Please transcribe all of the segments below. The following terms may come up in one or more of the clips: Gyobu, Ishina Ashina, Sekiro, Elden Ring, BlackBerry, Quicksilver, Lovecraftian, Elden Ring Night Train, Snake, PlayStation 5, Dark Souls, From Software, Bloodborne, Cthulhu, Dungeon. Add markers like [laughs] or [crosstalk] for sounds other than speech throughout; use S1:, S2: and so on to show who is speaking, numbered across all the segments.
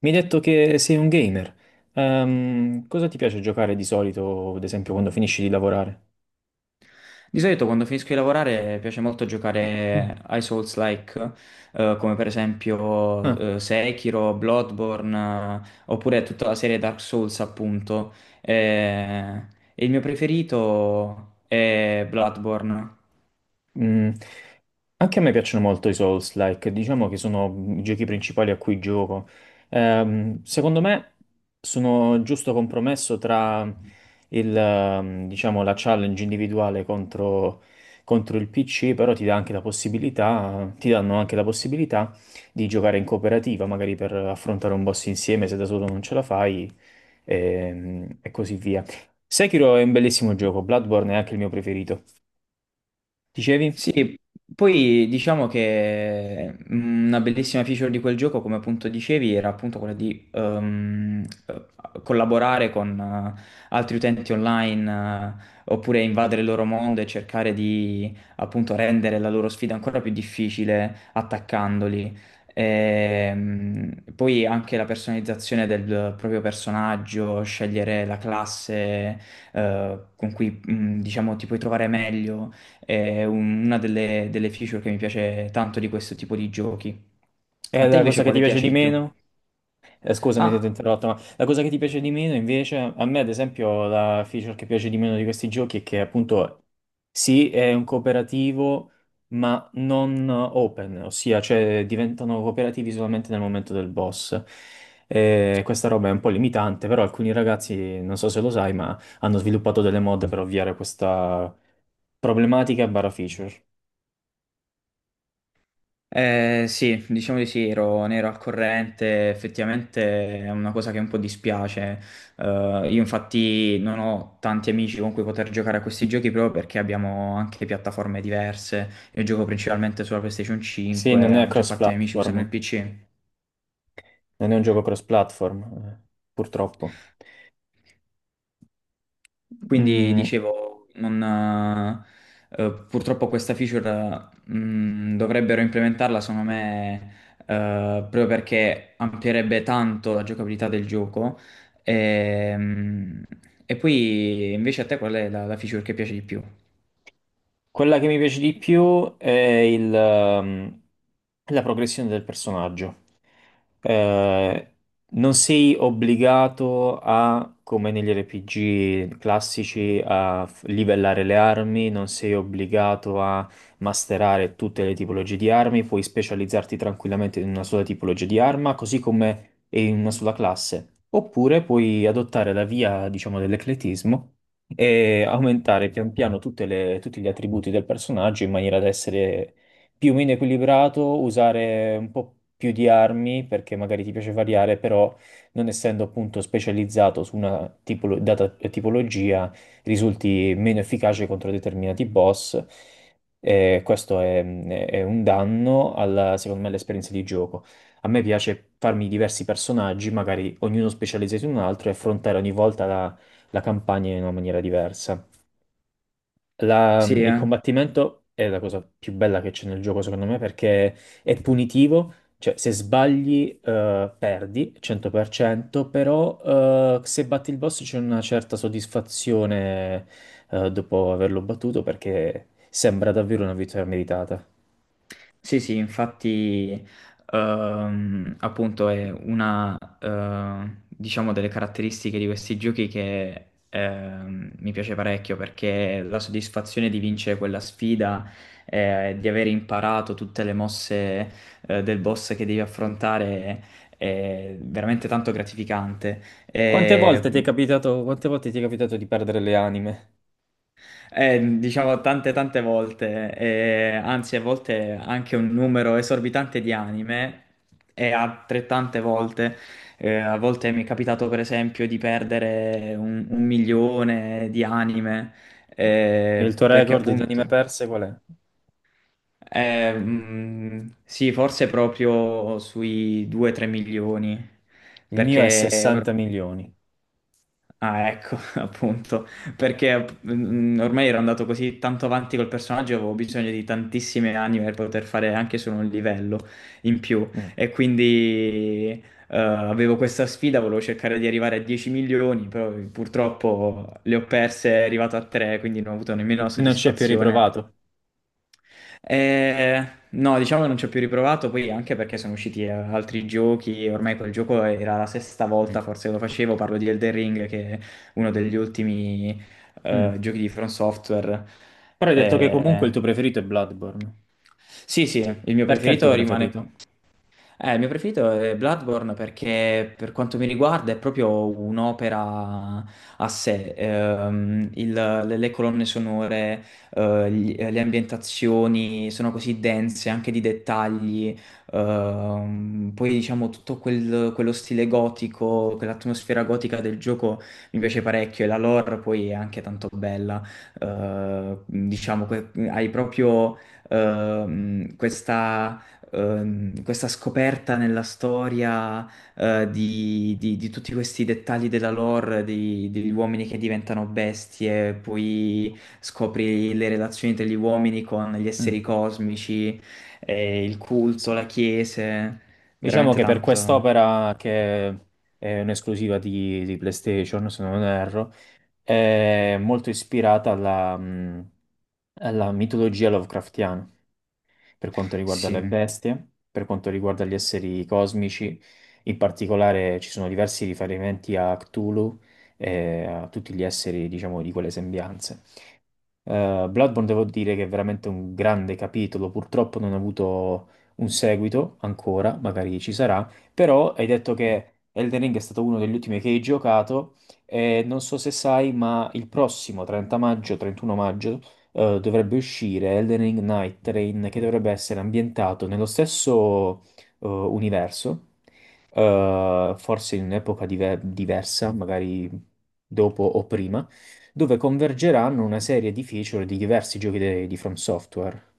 S1: Mi hai detto che sei un gamer. Cosa ti piace giocare di solito, ad esempio, quando finisci di lavorare?
S2: Di solito quando finisco di lavorare piace molto
S1: Mm.
S2: giocare ai Souls-like, come per esempio
S1: Ah.
S2: Sekiro, Bloodborne, oppure tutta la serie Dark Souls, appunto. Eh, e il mio preferito è Bloodborne.
S1: Mm. Anche a me piacciono molto i Souls-like, diciamo che sono i giochi principali a cui gioco. Secondo me sono il giusto compromesso tra diciamo, la challenge individuale contro il PC, però ti dà anche la possibilità, ti danno anche la possibilità di giocare in cooperativa, magari per affrontare un boss insieme se da solo non ce la fai, e così via. Sekiro è un bellissimo gioco, Bloodborne è anche il mio preferito. Dicevi?
S2: Sì, poi diciamo che una bellissima feature di quel gioco, come appunto dicevi, era appunto quella di collaborare con altri utenti online, oppure invadere il loro mondo e cercare di appunto rendere la loro sfida ancora più difficile attaccandoli. Poi anche la personalizzazione del proprio personaggio, scegliere la classe con cui diciamo ti puoi trovare meglio. È una delle feature che mi piace tanto di questo tipo di giochi. A
S1: È
S2: te
S1: la cosa
S2: invece
S1: che ti
S2: quale
S1: piace
S2: piace
S1: di
S2: di più?
S1: meno? Scusami se ti ho
S2: Ah,
S1: interrotto, ma la cosa che ti piace di meno invece, a me ad esempio la feature che piace di meno di questi giochi è che appunto sì, è un cooperativo, ma non open, ossia cioè diventano cooperativi solamente nel momento del boss. Questa roba è un po' limitante, però alcuni ragazzi, non so se lo sai, ma hanno sviluppato delle mod per ovviare questa problematica barra feature.
S2: sì, diciamo di sì, ne ero al corrente, effettivamente è una cosa che un po' dispiace. Eh, io infatti non ho tanti amici con cui poter giocare a questi giochi proprio perché abbiamo anche piattaforme diverse. Io gioco principalmente sulla PlayStation
S1: Sì,
S2: 5,
S1: non
S2: la
S1: è
S2: maggior parte dei miei amici usano il
S1: cross-platform,
S2: PC.
S1: non è un gioco cross-platform, purtroppo.
S2: Quindi
S1: Mm,
S2: dicevo, non, purtroppo questa feature dovrebbero implementarla, secondo me, proprio perché amplierebbe tanto la giocabilità del gioco. E, mh, e poi invece a te qual è la feature che piace di più?
S1: quella che mi piace di più è la progressione del personaggio. Eh, non sei obbligato a, come negli RPG classici, a livellare le armi, non sei obbligato a masterare tutte le tipologie di armi, puoi specializzarti tranquillamente in una sola tipologia di arma, così come in una sola classe. Oppure puoi adottare la via, diciamo, dell'ecletismo e aumentare pian piano tutti gli attributi del personaggio in maniera da essere più o meno equilibrato, usare un po' più di armi perché magari ti piace variare, però non essendo appunto specializzato su una data tipologia, risulti meno efficace contro determinati boss. E questo è un danno alla, secondo me, all'esperienza di gioco. A me piace farmi diversi personaggi, magari ognuno specializzato in un altro, e affrontare ogni volta la campagna in una maniera diversa. La-
S2: Sì,
S1: il
S2: eh?
S1: combattimento è la cosa più bella che c'è nel gioco, secondo me, perché è punitivo, cioè se sbagli perdi 100%, però se batti il boss c'è una certa soddisfazione dopo averlo battuto perché sembra davvero una vittoria meritata.
S2: Sì, sì, infatti, appunto è una, diciamo, delle caratteristiche di questi giochi che mi piace parecchio perché la soddisfazione di vincere quella sfida, di aver imparato tutte le mosse, del boss che devi affrontare è veramente tanto gratificante. E
S1: Quante volte ti è capitato di perdere le anime?
S2: diciamo tante tante volte, anzi a volte anche un numero esorbitante di anime e altrettante volte, a volte mi è capitato per esempio di perdere un milione di anime,
S1: Il tuo
S2: perché
S1: record di anime
S2: appunto.
S1: perse qual è?
S2: Sì forse proprio sui 2-3 milioni
S1: Il mio è
S2: perché.
S1: 60 milioni.
S2: Ah, ecco, [laughs] appunto, perché ormai ero andato così tanto avanti col personaggio, avevo bisogno di tantissime anime per poter fare anche solo un livello in più
S1: Mm.
S2: e quindi avevo questa sfida, volevo cercare di arrivare a 10 milioni, però purtroppo le ho perse, è arrivato a 3, quindi non ho avuto nemmeno la
S1: E non ci è più
S2: soddisfazione.
S1: riprovato.
S2: No, diciamo che non ci ho più riprovato, poi anche perché sono usciti altri giochi, ormai quel gioco era la sesta
S1: Mm.
S2: volta forse che lo facevo, parlo di Elden Ring che è uno degli ultimi
S1: Mm.
S2: giochi di From Software.
S1: Però hai detto che comunque
S2: Eh,
S1: il tuo preferito è Bloodborne.
S2: sì, sì, il mio
S1: Perché è il tuo
S2: preferito rimane.
S1: preferito?
S2: Il mio preferito è Bloodborne perché per quanto mi riguarda è proprio un'opera a sé. Le le, colonne sonore, le ambientazioni sono così dense anche di dettagli. Poi diciamo tutto quello stile gotico, quell'atmosfera gotica del gioco mi piace parecchio e la lore poi è anche tanto bella. Diciamo, hai proprio questa questa scoperta nella storia di tutti questi dettagli della lore, degli uomini che diventano bestie, poi scopri le relazioni degli uomini con gli esseri
S1: Mm,
S2: cosmici, il culto,
S1: sì.
S2: la chiesa,
S1: Diciamo
S2: veramente
S1: che per
S2: tanto.
S1: quest'opera, che è un'esclusiva di PlayStation, se non erro, è molto ispirata alla, alla mitologia Lovecraftiana, per quanto riguarda
S2: Sì.
S1: le bestie, per quanto riguarda gli esseri cosmici. In particolare ci sono diversi riferimenti a Cthulhu e a tutti gli esseri, diciamo, di quelle sembianze. Bloodborne devo dire che è veramente un grande capitolo, purtroppo non ha avuto un seguito ancora, magari ci sarà, però hai detto che Elden Ring è stato uno degli ultimi che hai giocato e non so se sai, ma il prossimo 30 maggio, 31 maggio, dovrebbe uscire Elden Ring Night Train che dovrebbe essere ambientato nello stesso universo, forse in un'epoca diversa, magari dopo o prima dove convergeranno una serie di feature di diversi giochi di From Software.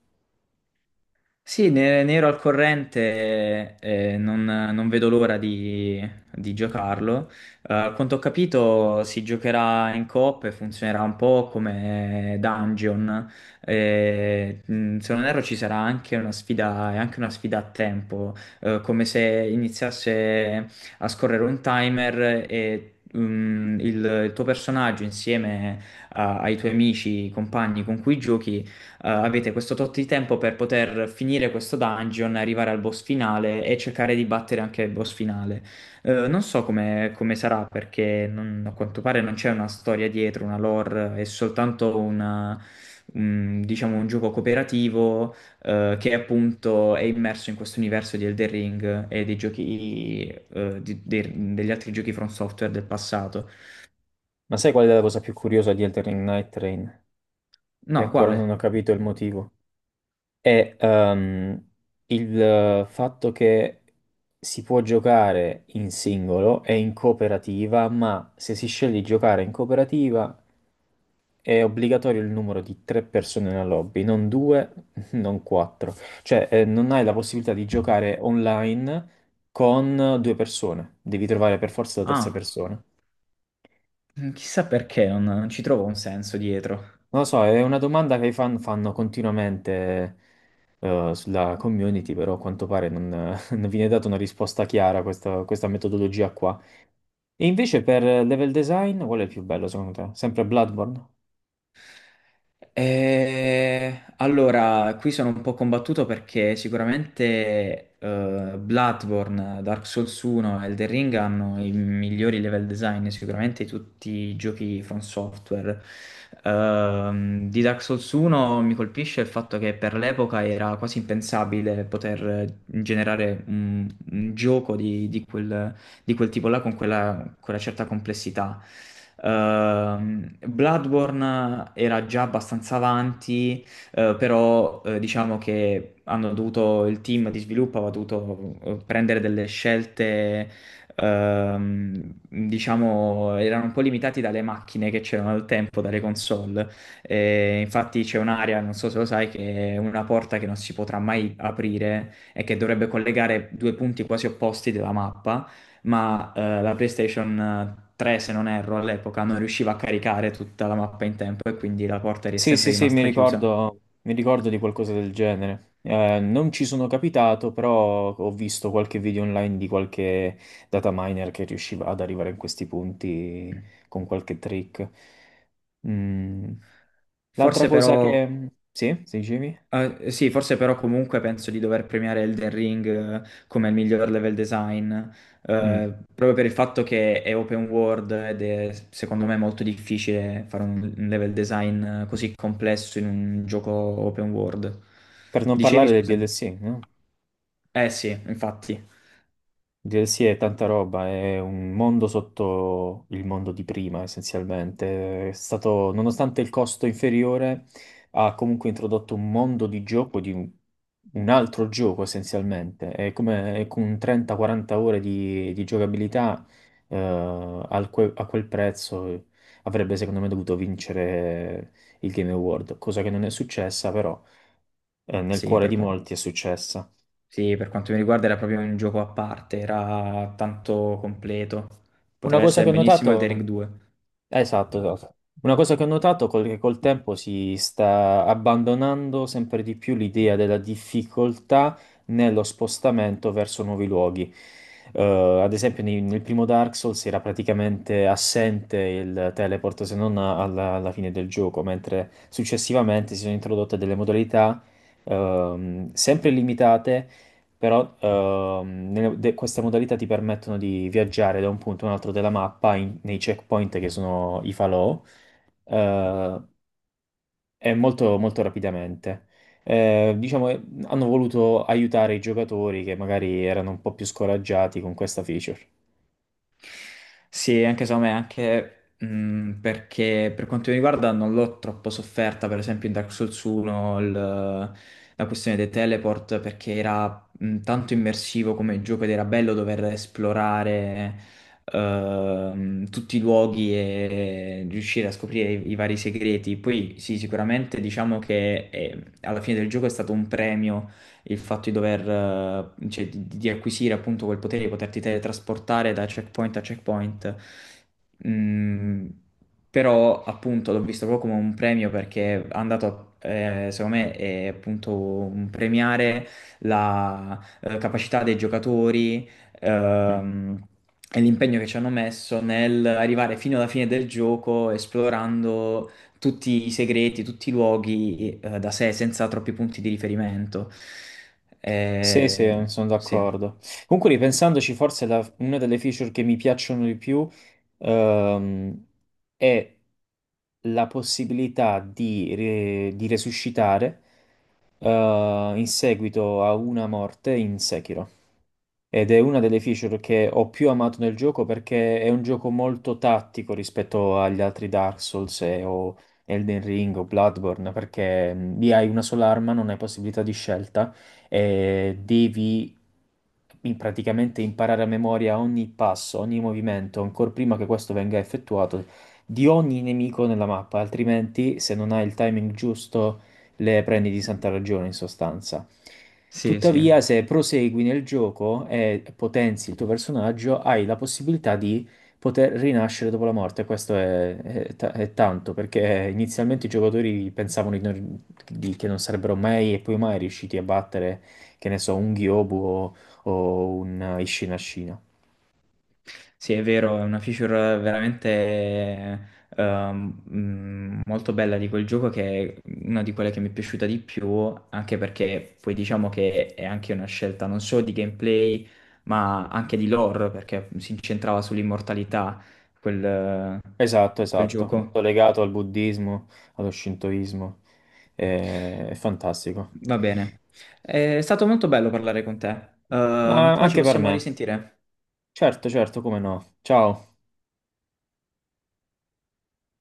S2: Sì, ne ero al corrente, non vedo l'ora di giocarlo. A quanto ho capito, si giocherà in coop e funzionerà un po' come Dungeon. Se non erro, ci sarà anche una sfida, è anche una sfida a tempo, come se iniziasse a scorrere un timer, e il tuo personaggio insieme ai tuoi amici, compagni con cui giochi, avete questo tot di tempo per poter finire questo dungeon, arrivare al boss finale e cercare di battere anche il boss finale. Non so come sarà perché a quanto pare non c'è una storia dietro, una lore, è soltanto diciamo, un gioco cooperativo, che appunto è immerso in questo universo di Elden Ring e dei giochi, degli altri giochi From Software del passato.
S1: Ma sai qual è la cosa più curiosa di Elden Ring Night Train? Che
S2: No,
S1: ancora non
S2: quale?
S1: ho capito il motivo. È il fatto che si può giocare in singolo e in cooperativa, ma se si sceglie di giocare in cooperativa è obbligatorio il numero di 3 persone nella lobby, non due, [laughs] non quattro. Cioè, non hai la possibilità di giocare online con 2 persone, devi trovare per forza la terza
S2: Ah,
S1: persona.
S2: chissà perché non ci trovo un senso dietro.
S1: Non lo so, è una domanda che i fan fanno continuamente sulla community, però a quanto pare non, [laughs] non viene data una risposta chiara a questa metodologia qua. E invece per level design, qual è il più bello secondo te? Sempre Bloodborne?
S2: Allora, qui sono un po' combattuto perché sicuramente Bloodborne, Dark Souls 1 e Elden Ring hanno i migliori level design sicuramente di tutti i giochi From Software. Di Dark Souls 1 mi colpisce il fatto che per l'epoca era quasi impensabile poter generare un gioco di quel tipo là con quella certa complessità. Bloodborne era già abbastanza avanti, però diciamo che hanno dovuto, il team di sviluppo aveva dovuto prendere delle scelte, ehm, diciamo, erano un po' limitati dalle macchine che c'erano al tempo, dalle console. E infatti c'è un'area, non so se lo sai, che è una porta che non si potrà mai aprire e che dovrebbe collegare due punti quasi opposti della mappa, ma la PlayStation 3, se non erro, all'epoca non riusciva a caricare tutta la mappa in tempo e quindi la porta è
S1: Sì,
S2: sempre
S1: sì, sì, mi
S2: rimasta chiusa.
S1: ricordo, mi ricordo di qualcosa del genere. Non ci sono capitato, però ho visto qualche video online di qualche data miner che riusciva ad arrivare in questi punti
S2: Mm.
S1: con qualche trick. Mm. L'altra
S2: Forse
S1: cosa
S2: però,
S1: che... Sì, si dicevi?
S2: sì, forse però comunque penso di dover premiare Elden Ring come il miglior level design,
S1: Mm.
S2: proprio per il fatto che è open world ed è secondo me molto difficile fare un level design così complesso in un gioco open world.
S1: Per non
S2: Dicevi,
S1: parlare del
S2: scusami.
S1: DLC, no?
S2: Eh sì, infatti,
S1: DLC è tanta roba, è un mondo sotto il mondo di prima, essenzialmente. È stato, nonostante il costo inferiore, ha comunque introdotto un mondo di gioco, di un altro gioco essenzialmente. È come è con 30-40 ore di giocabilità, eh, al a quel prezzo avrebbe secondo me dovuto vincere il Game Award, cosa che non è successa, però nel
S2: sì,
S1: cuore
S2: per
S1: di
S2: quello.
S1: molti è successa.
S2: Sì, per quanto mi riguarda era proprio un gioco a parte, era tanto completo.
S1: Una
S2: Poteva
S1: cosa che
S2: essere
S1: ho
S2: benissimo
S1: notato.
S2: Elden Ring 2.
S1: Esatto, esatto. Una cosa che ho notato è che col tempo si sta abbandonando sempre di più l'idea della difficoltà nello spostamento verso nuovi luoghi. Eh, ad esempio, nel primo Dark Souls era praticamente assente il teleport se non alla fine del gioco, mentre successivamente si sono introdotte delle modalità sempre limitate però queste modalità ti permettono di viaggiare da un punto a un altro della mappa nei checkpoint che sono i falò eh, e molto, molto rapidamente. Diciamo, hanno voluto aiutare i giocatori che magari erano un po' più scoraggiati con questa feature.
S2: Sì, anche secondo me, anche perché per quanto mi riguarda non l'ho troppo sofferta, per esempio in Dark Souls 1 la questione dei teleport, perché era tanto immersivo come gioco ed era bello dover esplorare tutti i luoghi e riuscire a scoprire i vari segreti. Poi sì, sicuramente diciamo che alla fine del gioco è stato un premio il fatto di dover, cioè, di acquisire appunto quel potere di poterti teletrasportare da checkpoint a checkpoint. Mm, però appunto l'ho visto proprio come un premio perché è andato, secondo me, è appunto un premiare la capacità dei giocatori,
S1: Mm.
S2: ehm, e l'impegno che ci hanno messo nel arrivare fino alla fine del gioco esplorando tutti i segreti, tutti i luoghi, da sé, senza troppi punti di riferimento.
S1: Sì,
S2: Eh,
S1: sì, sono
S2: sì,
S1: d'accordo. Comunque, ripensandoci, forse una delle feature che mi piacciono di più, ehm, è la possibilità di, di resuscitare in seguito a una morte in Sekiro. Ed è una delle feature che ho più amato nel gioco perché è un gioco molto tattico rispetto agli altri Dark Souls o Elden Ring o Bloodborne, perché lì hai una sola arma, non hai possibilità di scelta e devi praticamente imparare a memoria ogni passo, ogni movimento, ancora prima che questo venga effettuato, di ogni nemico nella mappa, altrimenti se non hai il timing giusto le prendi di santa ragione in sostanza.
S2: sì, sì.
S1: Tuttavia, se prosegui nel gioco e potenzi il tuo personaggio, hai la possibilità di poter rinascere dopo la morte. Questo è è tanto, perché inizialmente i giocatori pensavano di che non sarebbero mai e poi mai riusciti a battere, che ne so, un Gyobu o un Ishina Ashina.
S2: Sì, è vero, è una feature veramente molto bella di quel gioco che è una di quelle che mi è piaciuta di più, anche perché poi diciamo che è anche una scelta non solo di gameplay, ma anche di lore, perché si incentrava sull'immortalità quel,
S1: Esatto,
S2: quel
S1: esatto,
S2: gioco.
S1: molto legato al buddismo, allo shintoismo. È fantastico.
S2: Va bene. È stato molto bello parlare con te. Ehm,
S1: Ma
S2: poi ci
S1: anche per
S2: possiamo
S1: me.
S2: risentire.
S1: Certo, certo, come no. Ciao.